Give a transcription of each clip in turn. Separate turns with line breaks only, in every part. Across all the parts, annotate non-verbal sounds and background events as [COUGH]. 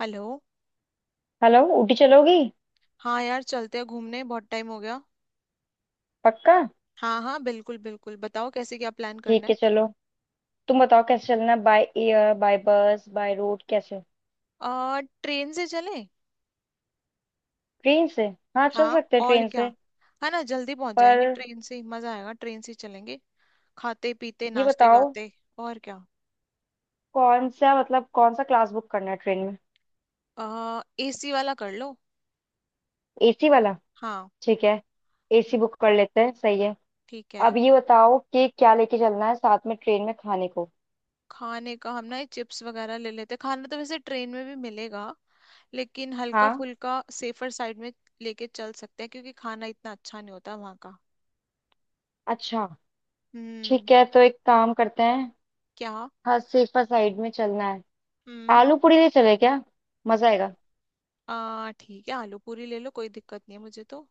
Hello.
Hello, Ooty चलोगी?
हाँ यार, चलते हैं घूमने, बहुत टाइम हो गया।
पक्का?
हाँ हाँ बिल्कुल बिल्कुल, बताओ कैसे क्या प्लान
ठीक
करना है।
है, चलो। तुम बताओ कैसे चलना है, by air, by bus, by road, कैसे?
ट्रेन से चले।
ट्रेन से? हाँ, चल
हाँ।
सकते हैं
और
ट्रेन
क्या।
से।
है ना, जल्दी पहुंच जाएंगे,
पर
ट्रेन से ही मजा आएगा, ट्रेन से ही चलेंगे। खाते पीते
ये
नाचते
बताओ,
गाते। और क्या।
कौन सा मतलब कौन सा क्लास बुक करना है ट्रेन में?
एसी वाला कर लो।
एसी वाला?
हाँ।
ठीक है, एसी बुक कर लेते हैं, सही है।
ठीक है।
अब ये बताओ कि क्या लेके चलना है साथ में ट्रेन में खाने को।
खाने का हम ना ये चिप्स वगैरह ले लेते हैं। खाना तो वैसे ट्रेन में भी मिलेगा, लेकिन हल्का
हाँ।
फुल्का सेफर साइड में लेके चल सकते हैं, क्योंकि खाना इतना अच्छा नहीं होता वहाँ का।
अच्छा।
हम्म।
ठीक है, तो एक काम करते हैं।
क्या।
हाँ, सेफा साइड में चलना है।
हम्म।
आलू पूरी ले चले क्या? मजा आएगा,
आ ठीक है, आलू पूरी ले लो, कोई दिक्कत नहीं है मुझे तो।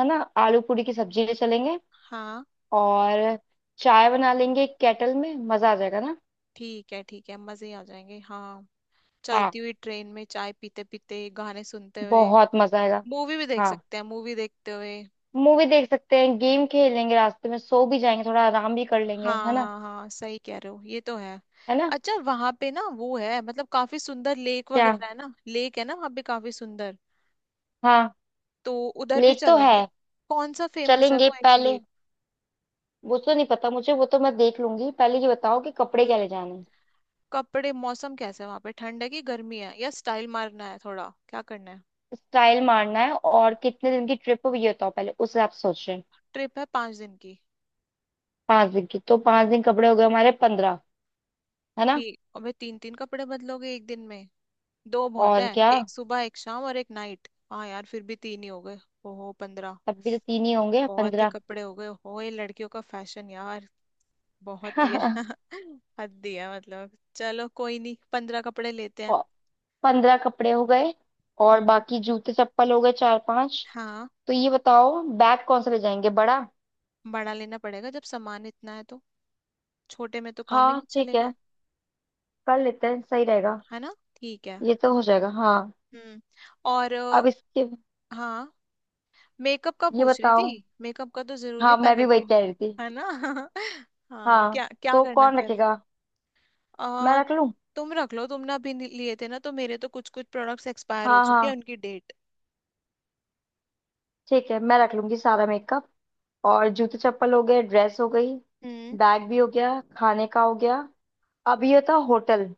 है ना। आलू पूरी की सब्जी ले चलेंगे
हाँ।
और चाय बना लेंगे एक केटल में। मजा आ जाएगा ना।
ठीक है ठीक है, मजे ही आ जाएंगे। हाँ।
हाँ,
चलती हुई ट्रेन में चाय पीते पीते गाने सुनते हुए।
बहुत मजा आएगा।
मूवी भी देख
हाँ,
सकते हैं, मूवी देखते हुए।
मूवी देख सकते हैं, गेम खेल लेंगे रास्ते में, सो भी जाएंगे, थोड़ा आराम भी कर लेंगे, है
हाँ
ना।
हाँ हाँ सही कह रहे हो, ये तो है।
है ना?
अच्छा, वहां पे ना वो है, मतलब काफी सुंदर लेक
क्या?
वगैरह है ना, लेक है ना वहां पे काफी सुंदर।
हाँ,
तो उधर भी
लेक तो है।
चलेंगे। कौन सा फेमस है
चलेंगे
वो एक
पहले।
लेक।
वो तो नहीं पता मुझे, वो तो मैं देख लूंगी। पहले ये बताओ कि कपड़े
हम्म,
क्या ले जाने हैं।
कपड़े, मौसम कैसा है वहां पे, ठंड है कि गर्मी है, या स्टाइल मारना है थोड़ा, क्या करना है।
स्टाइल मारना है। और कितने दिन की ट्रिप हो ये बताओ पहले, उस हिसाब से सोच रहे हैं।
ट्रिप है 5 दिन की।
5 दिन की? तो 5 दिन कपड़े हो गए हमारे 15। है ना।
ठीक, अबे तीन तीन कपड़े बदलोगे एक दिन में। दो बहुत
और
है,
क्या।
एक सुबह एक शाम और एक नाइट, हाँ यार फिर भी तीन ही हो गए। ओहो 15।
तब भी तो तीन ही होंगे,
बहुत ही
15।
कपड़े हो गए हो, ये लड़कियों का फैशन यार। बहुत ही है।
[LAUGHS]
[LAUGHS] हद ही है, मतलब चलो कोई नहीं, 15 कपड़े लेते हैं।
और 15 कपड़े हो गए और
हम्म।
बाकी जूते चप्पल हो गए 4-5।
हाँ।
तो ये बताओ बैग कौन सा ले जाएंगे, बड़ा?
बड़ा लेना पड़ेगा, जब सामान इतना है तो छोटे में तो काम ही
हाँ
नहीं
ठीक
चलेगा।
है, कर लेते हैं, सही रहेगा।
है ना ठीक है।
ये तो हो जाएगा, हाँ।
हम्म और
अब इसके
हाँ, मेकअप का
ये
पूछ रही
बताओ।
थी, मेकअप का तो जरूरी है,
हाँ, मैं
पहले
भी
वो।
वही कह रही थी।
है ना। [LAUGHS] हाँ,
हाँ,
क्या क्या
तो
करना
कौन
फिर।
रखेगा?
आ,
मैं रख लूँ?
तुम रख लो, तुमने अभी लिए थे ना, तो मेरे तो कुछ कुछ प्रोडक्ट्स एक्सपायर हो
हाँ
चुके हैं
हाँ,
उनकी डेट।
ठीक है, मैं रख लूंगी सारा मेकअप। और जूते चप्पल हो गए, ड्रेस हो गई,
हम्म।
बैग भी हो गया, खाने का हो गया। अब ये था होटल।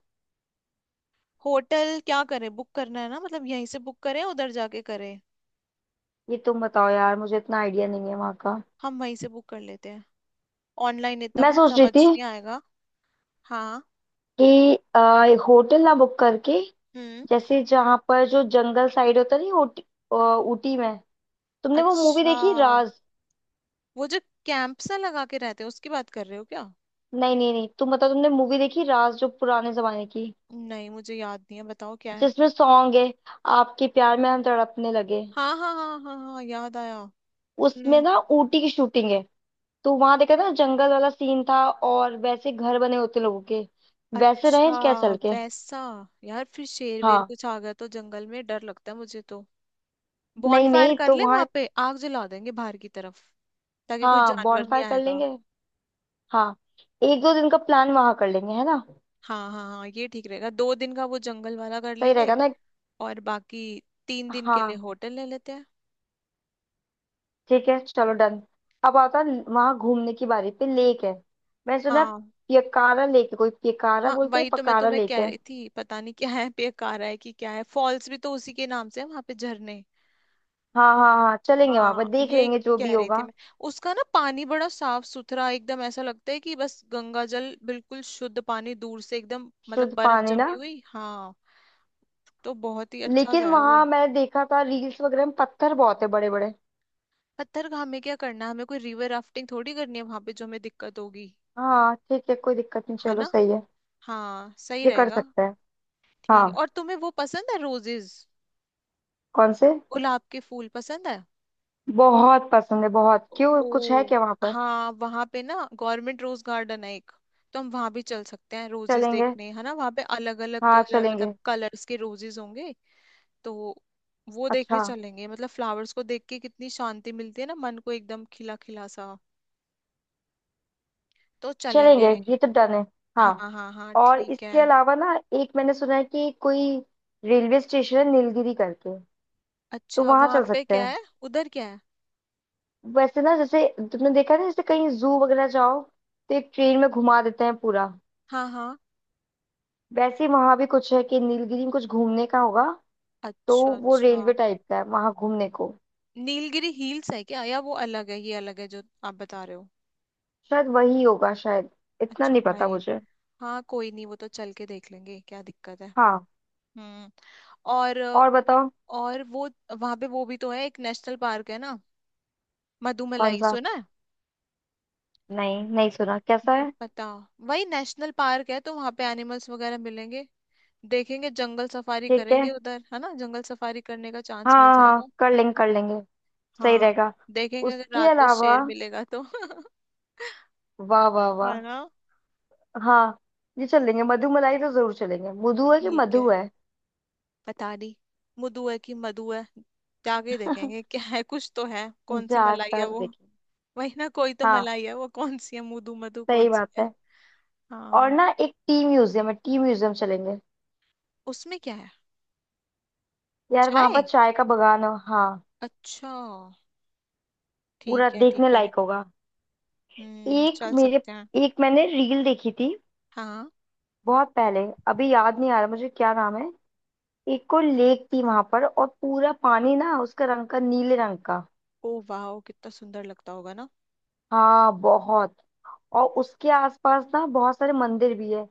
होटल क्या करें, बुक करना है ना, मतलब यहीं से बुक करें उधर जाके करें।
ये तुम बताओ यार, मुझे इतना आइडिया नहीं है वहाँ का।
हम वहीं से बुक कर लेते हैं, ऑनलाइन इतना
मैं
कुछ
सोच रही
समझ
थी
नहीं आएगा। हाँ।
कि होटल ना बुक करके,
हम्म
जैसे जहां पर जो जंगल साइड होता नहीं ऊटी, ऊटी में। तुमने वो मूवी
अच्छा,
देखी राज?
वो जो कैंप सा लगा के रहते हैं उसकी बात कर रहे हो क्या।
नहीं नहीं नहीं, तुम बताओ, तुमने मूवी देखी राज जो पुराने जमाने की,
नहीं मुझे याद नहीं है, बताओ क्या है।
जिसमें सॉन्ग है, आपके प्यार में हम तड़पने लगे।
हाँ हाँ हाँ हाँ हाँ, याद आया।
उसमें
हम्म।
ना ऊटी की शूटिंग है। तो वहां देखा ना, जंगल वाला सीन था और वैसे घर बने होते लोगों के। वैसे रहे
अच्छा।
क्या, चल के?
वैसा। यार फिर शेर वेर
हाँ।
कुछ आ गया तो जंगल में डर लगता है मुझे तो।
नहीं
बॉनफायर
नहीं,
कर
तो
ले,
वहां।
वहां पे आग जला देंगे बाहर की तरफ, ताकि कोई
हाँ,
जानवर नहीं
बॉनफायर कर
आएगा।
लेंगे। हाँ, 1-2 दिन का प्लान वहां कर लेंगे, है ना?
हाँ हाँ हाँ ये ठीक रहेगा, 2 दिन का वो जंगल वाला कर
सही
लेंगे।
रहेगा ना।
और बाकी 3 दिन के लिए
हाँ
होटल ले लेते हैं।
ठीक है, चलो, डन। अब आता है वहां घूमने की बारी पे। लेक है, मैंने सुना है,
हाँ।
पियकारा लेक है, कोई पियकारा
हाँ
बोलते हैं,
वही तो मैं
पकारा
तुम्हें
लेक
कह
है।
रही थी, पता नहीं क्या है, बेकार है कि क्या है, फॉल्स भी तो उसी के नाम से है, वहां पे झरने।
हाँ हाँ हाँ, चलेंगे वहां पर,
हाँ,
देख
ये
लेंगे जो भी
कह रही थी
होगा।
मैं। उसका ना पानी बड़ा साफ सुथरा, एकदम ऐसा लगता है कि बस गंगा जल, बिल्कुल शुद्ध पानी, दूर से एकदम मतलब
शुद्ध
बर्फ
पानी ना।
जमी हुई। हाँ। तो बहुत ही अच्छा
लेकिन
सा है वो।
वहां मैंने देखा था रील्स वगैरह में, पत्थर बहुत है बड़े बड़े।
पत्थरगाह में क्या करना है हमें, कोई रिवर राफ्टिंग थोड़ी करनी है वहां पे, जो हमें दिक्कत होगी।
हाँ ठीक है, कोई दिक्कत नहीं,
है
चलो
ना।
सही है।
हाँ सही
ये कर
रहेगा।
सकते हैं।
ठीक,
हाँ।
और तुम्हें वो पसंद है रोजेज।
कौन से?
गुलाब के फूल पसंद है।
बहुत पसंद है, बहुत। क्यों, कुछ है
ओ,
क्या वहां पर?
हाँ वहां पे ना गवर्नमेंट रोज गार्डन है एक। तो हम वहां भी चल सकते हैं रोजेस
चलेंगे,
देखने, है ना वहां पे अलग अलग
हाँ
कलर, मतलब
चलेंगे।
कलर्स के रोजेस होंगे। तो वो
अच्छा।
देखने चलेंगे, मतलब फ्लावर्स को देख के कितनी शांति मिलती है ना मन को, एकदम खिला खिला सा। तो
चलेंगे,
चलेंगे।
ये तो डन है। हाँ।
हाँ हाँ हाँ
और
ठीक
इसके
है।
अलावा ना, एक मैंने सुना है कि कोई रेलवे स्टेशन है नीलगिरी करके, तो
अच्छा
वहां
वहां
चल
पे
सकते
क्या
हैं।
है। उधर क्या है।
वैसे ना, जैसे तुमने देखा ना, जैसे कहीं जू वगैरह जाओ तो एक ट्रेन में घुमा देते हैं पूरा,
हाँ हाँ।
वैसे ही वहां भी कुछ है कि नीलगिरी में कुछ घूमने का होगा, तो
अच्छा
वो
अच्छा।
रेलवे टाइप का है वहां घूमने को।
नीलगिरी हिल्स है क्या, या वो अलग है ये अलग है जो आप बता रहे हो।
शायद वही होगा शायद, इतना
अच्छा
नहीं पता
भाई।
मुझे।
हाँ कोई नहीं, वो तो चल के देख लेंगे, क्या दिक्कत है।
हाँ।
हम्म और
और बताओ।
और वो, वहां पे वो भी तो है, एक नेशनल पार्क है ना,
कौन
मधुमलाई
सा?
सुना है।
नहीं, नहीं सुना, कैसा
नहीं
है?
पता। वही नेशनल पार्क है, तो वहां पे एनिमल्स वगैरह मिलेंगे, देखेंगे। जंगल सफारी
ठीक
करेंगे
है।
उधर, है ना, जंगल सफारी करने का
हाँ
चांस मिल
हाँ
जाएगा।
हाँ, कर लेंगे कर लेंगे। सही
हाँ,
रहेगा।
देखेंगे अगर
उसके
रात को
अलावा,
शेर मिलेगा तो। [LAUGHS]
वाह वाह वाह।
है ना।
हाँ, ये चलेंगे, मधु मलाई तो जरूर चलेंगे। मधु है कि
ठीक
मधु
है।
है?
पता नहीं मुदु है कि मधु है, जाके देखेंगे क्या
[LAUGHS]
है, कुछ तो है, कौन सी मलाई है
जाकर
वो।
देखें।
वही ना कोई तो
हाँ,
मलाई है वो, कौन सी है मुदू मधु कौन
सही
सी
बात
है।
है। और
हाँ।
ना एक टी म्यूजियम है, टी म्यूजियम चलेंगे।
उसमें क्या है।
यार वहां पर
चाय।
चाय का बगान हो, हाँ।
अच्छा,
पूरा
ठीक है
देखने
ठीक है।
लायक होगा। एक
चल
मेरे
सकते हैं।
एक मैंने रील देखी थी
हाँ।
बहुत पहले, अभी याद नहीं आ रहा मुझे क्या नाम है। एक को लेक थी वहां पर और पूरा पानी ना उसका रंग का, नीले रंग का।
ओ वाह, कितना सुंदर लगता होगा ना।
हाँ, बहुत। और उसके आसपास ना बहुत सारे मंदिर भी है,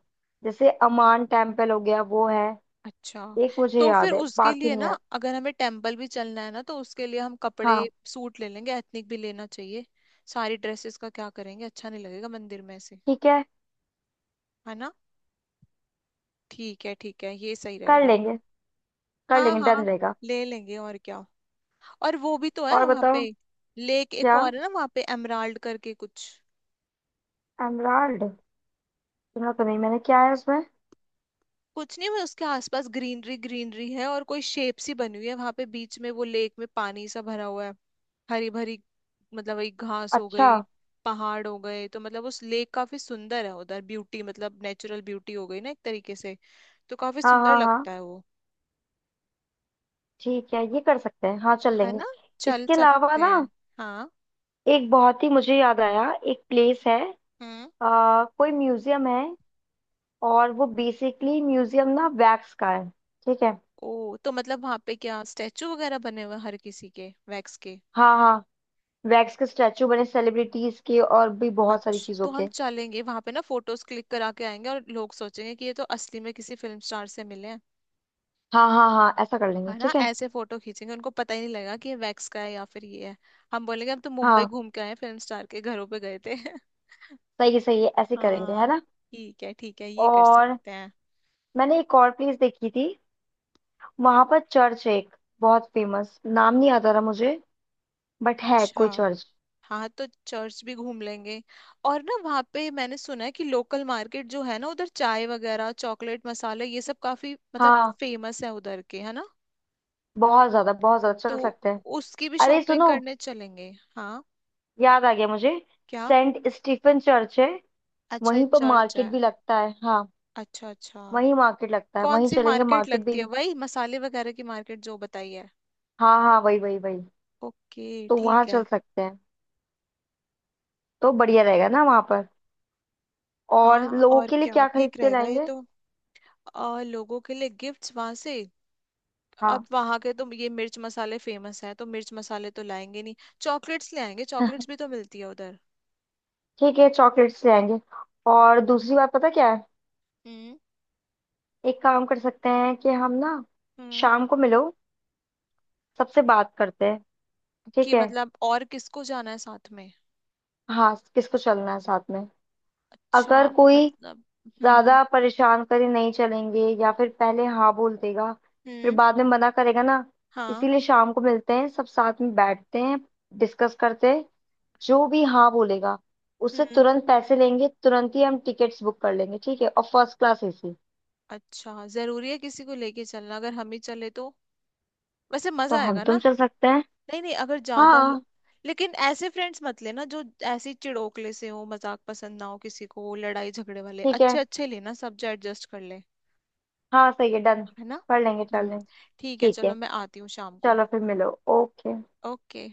जैसे अमान टेम्पल हो गया वो है,
अच्छा।
एक मुझे
तो फिर
याद है,
उसके
बाकी
लिए
नहीं
ना,
याद।
अगर हमें टेम्पल भी चलना है ना, तो उसके लिए हम कपड़े,
हाँ
सूट ले लेंगे, एथनिक भी लेना चाहिए, सारी ड्रेसेस का क्या करेंगे, अच्छा नहीं लगेगा मंदिर में ऐसे।
ठीक है,
है ना। ठीक है ठीक है, ये सही
कर
रहेगा।
लेंगे कर
हाँ
लेंगे, डन
हाँ,
रहेगा।
ले लेंगे, और क्या। और वो भी तो है
और
वहां
बताओ।
पे, लेक एक
क्या?
और है ना वहां पे, एमराल्ड करके कुछ।
एमराल्ड? सुना तो नहीं मैंने, क्या है उसमें?
कुछ नहीं, मैं उसके आसपास ग्रीनरी ग्रीनरी है, और कोई शेप सी बनी हुई है वहां पे बीच में, वो लेक में पानी सा भरा हुआ है, हरी भरी, मतलब वही घास हो
अच्छा।
गई, पहाड़ हो गए, तो मतलब उस लेक काफी सुंदर है उधर, ब्यूटी, मतलब नेचुरल ब्यूटी हो गई ना एक तरीके से, तो काफी
हाँ
सुंदर
हाँ हाँ,
लगता है वो।
ठीक है, ये कर सकते हैं, हाँ चल
है
लेंगे।
ना। चल
इसके अलावा
सकते
ना,
हैं। हाँ।
एक बहुत ही मुझे याद आया, एक प्लेस है,
हम्म
कोई म्यूजियम है, और वो बेसिकली म्यूजियम ना वैक्स का है। ठीक है।
ओ, तो मतलब वहां पे क्या स्टैचू वगैरह बने हुए हैं हर किसी के वैक्स के।
हाँ हाँ, वैक्स के स्टैचू बने सेलिब्रिटीज के और भी बहुत सारी
अच्छा,
चीजों
तो हम
के।
चलेंगे वहां पे ना, फोटोज क्लिक करा के आएंगे, और लोग सोचेंगे कि ये तो असली में किसी फिल्म स्टार से मिले हैं।
हाँ हाँ हाँ, ऐसा कर लेंगे,
है ना,
ठीक है।
ऐसे फोटो खींचेंगे, उनको पता ही नहीं लगेगा कि ये वैक्स का है या फिर ये है। हम बोलेंगे हम तो मुंबई
हाँ,
घूम के आए हैं, फिल्म स्टार के घरों पे गए थे। [LAUGHS]
सही है सही है, ऐसे करेंगे,
हाँ
है ना।
ठीक है ठीक है, ये कर
और
सकते हैं।
मैंने एक और प्लेस देखी थी, वहां पर चर्च है एक, बहुत फेमस, नाम नहीं आता रहा मुझे, बट है
अच्छा।
कोई चर्च।
हाँ, तो चर्च भी घूम लेंगे। और ना वहाँ पे मैंने सुना है कि लोकल मार्केट जो है ना उधर, चाय वगैरह, चॉकलेट, मसाले, ये सब काफी मतलब
हाँ,
फेमस है उधर के, है ना।
बहुत ज्यादा बहुत ज्यादा,
तो
चल सकते हैं।
उसकी भी
अरे
शॉपिंग
सुनो,
करने चलेंगे। हाँ।
याद आ गया मुझे,
क्या।
सेंट स्टीफन चर्च है।
अच्छा ये
वहीं पर
चर्च है।
मार्केट भी लगता है, हाँ।
अच्छा अच्छा।
वहीं मार्केट लगता है,
कौन
वहीं
सी
चलेंगे
मार्केट
मार्केट
लगती
भी।
है, वही मसाले वगैरह की मार्केट जो बताई है।
हाँ हाँ, वही वही वही।
ओके।
तो वहां
ठीक है।
चल सकते हैं। तो बढ़िया रहेगा ना वहां पर। और
हाँ
लोगों
और
के लिए
क्या,
क्या खरीद
ठीक
के
रहेगा ये
लाएंगे?
तो। लोगों के लिए गिफ्ट्स वहां से। अब
हाँ।
वहां के तो ये मिर्च मसाले फेमस हैं, तो मिर्च मसाले तो लाएंगे नहीं, चॉकलेट्स ले आएंगे, चॉकलेट्स भी
[LAUGHS]
तो मिलती है उधर।
ठीक है, चॉकलेट्स ले आएंगे। और दूसरी बात पता क्या है,
हम्म।
एक काम कर सकते हैं कि हम ना
हम्म।
शाम को मिलो, सबसे बात करते हैं। ठीक
कि
है।
मतलब और किसको जाना है साथ में।
हाँ, किसको चलना है साथ में।
अच्छा।
अगर कोई
मतलब। हम्म।
ज्यादा परेशान करे नहीं चलेंगे, या फिर पहले हाँ बोल देगा फिर
हम्म।
बाद में मना करेगा ना,
हाँ।
इसीलिए शाम को मिलते हैं, सब साथ में बैठते हैं, डिस्कस करते हैं। जो भी हाँ बोलेगा, उससे
हम्म।
तुरंत पैसे लेंगे, तुरंत ही हम टिकट्स बुक कर लेंगे, ठीक है, और फर्स्ट क्लास एसी।
अच्छा, जरूरी है किसी को लेके चलना, अगर हम ही चले तो वैसे
तो
मजा
हम
आएगा ना।
तुम चल सकते हैं।
नहीं नहीं, अगर ज्यादा
हाँ।
लेकिन ऐसे फ्रेंड्स मत लेना जो ऐसे ही चिड़ोकले से हो, मजाक पसंद ना हो किसी को, लड़ाई झगड़े वाले,
ठीक है।
अच्छे अच्छे लेना सब जो एडजस्ट कर ले।
हाँ सही है, डन।
है ना।
कर लेंगे, चल
हम्म।
लेंगे।
ठीक है
ठीक है,
चलो, मैं आती हूँ शाम को।
चलो फिर मिलो। ओके।
ओके।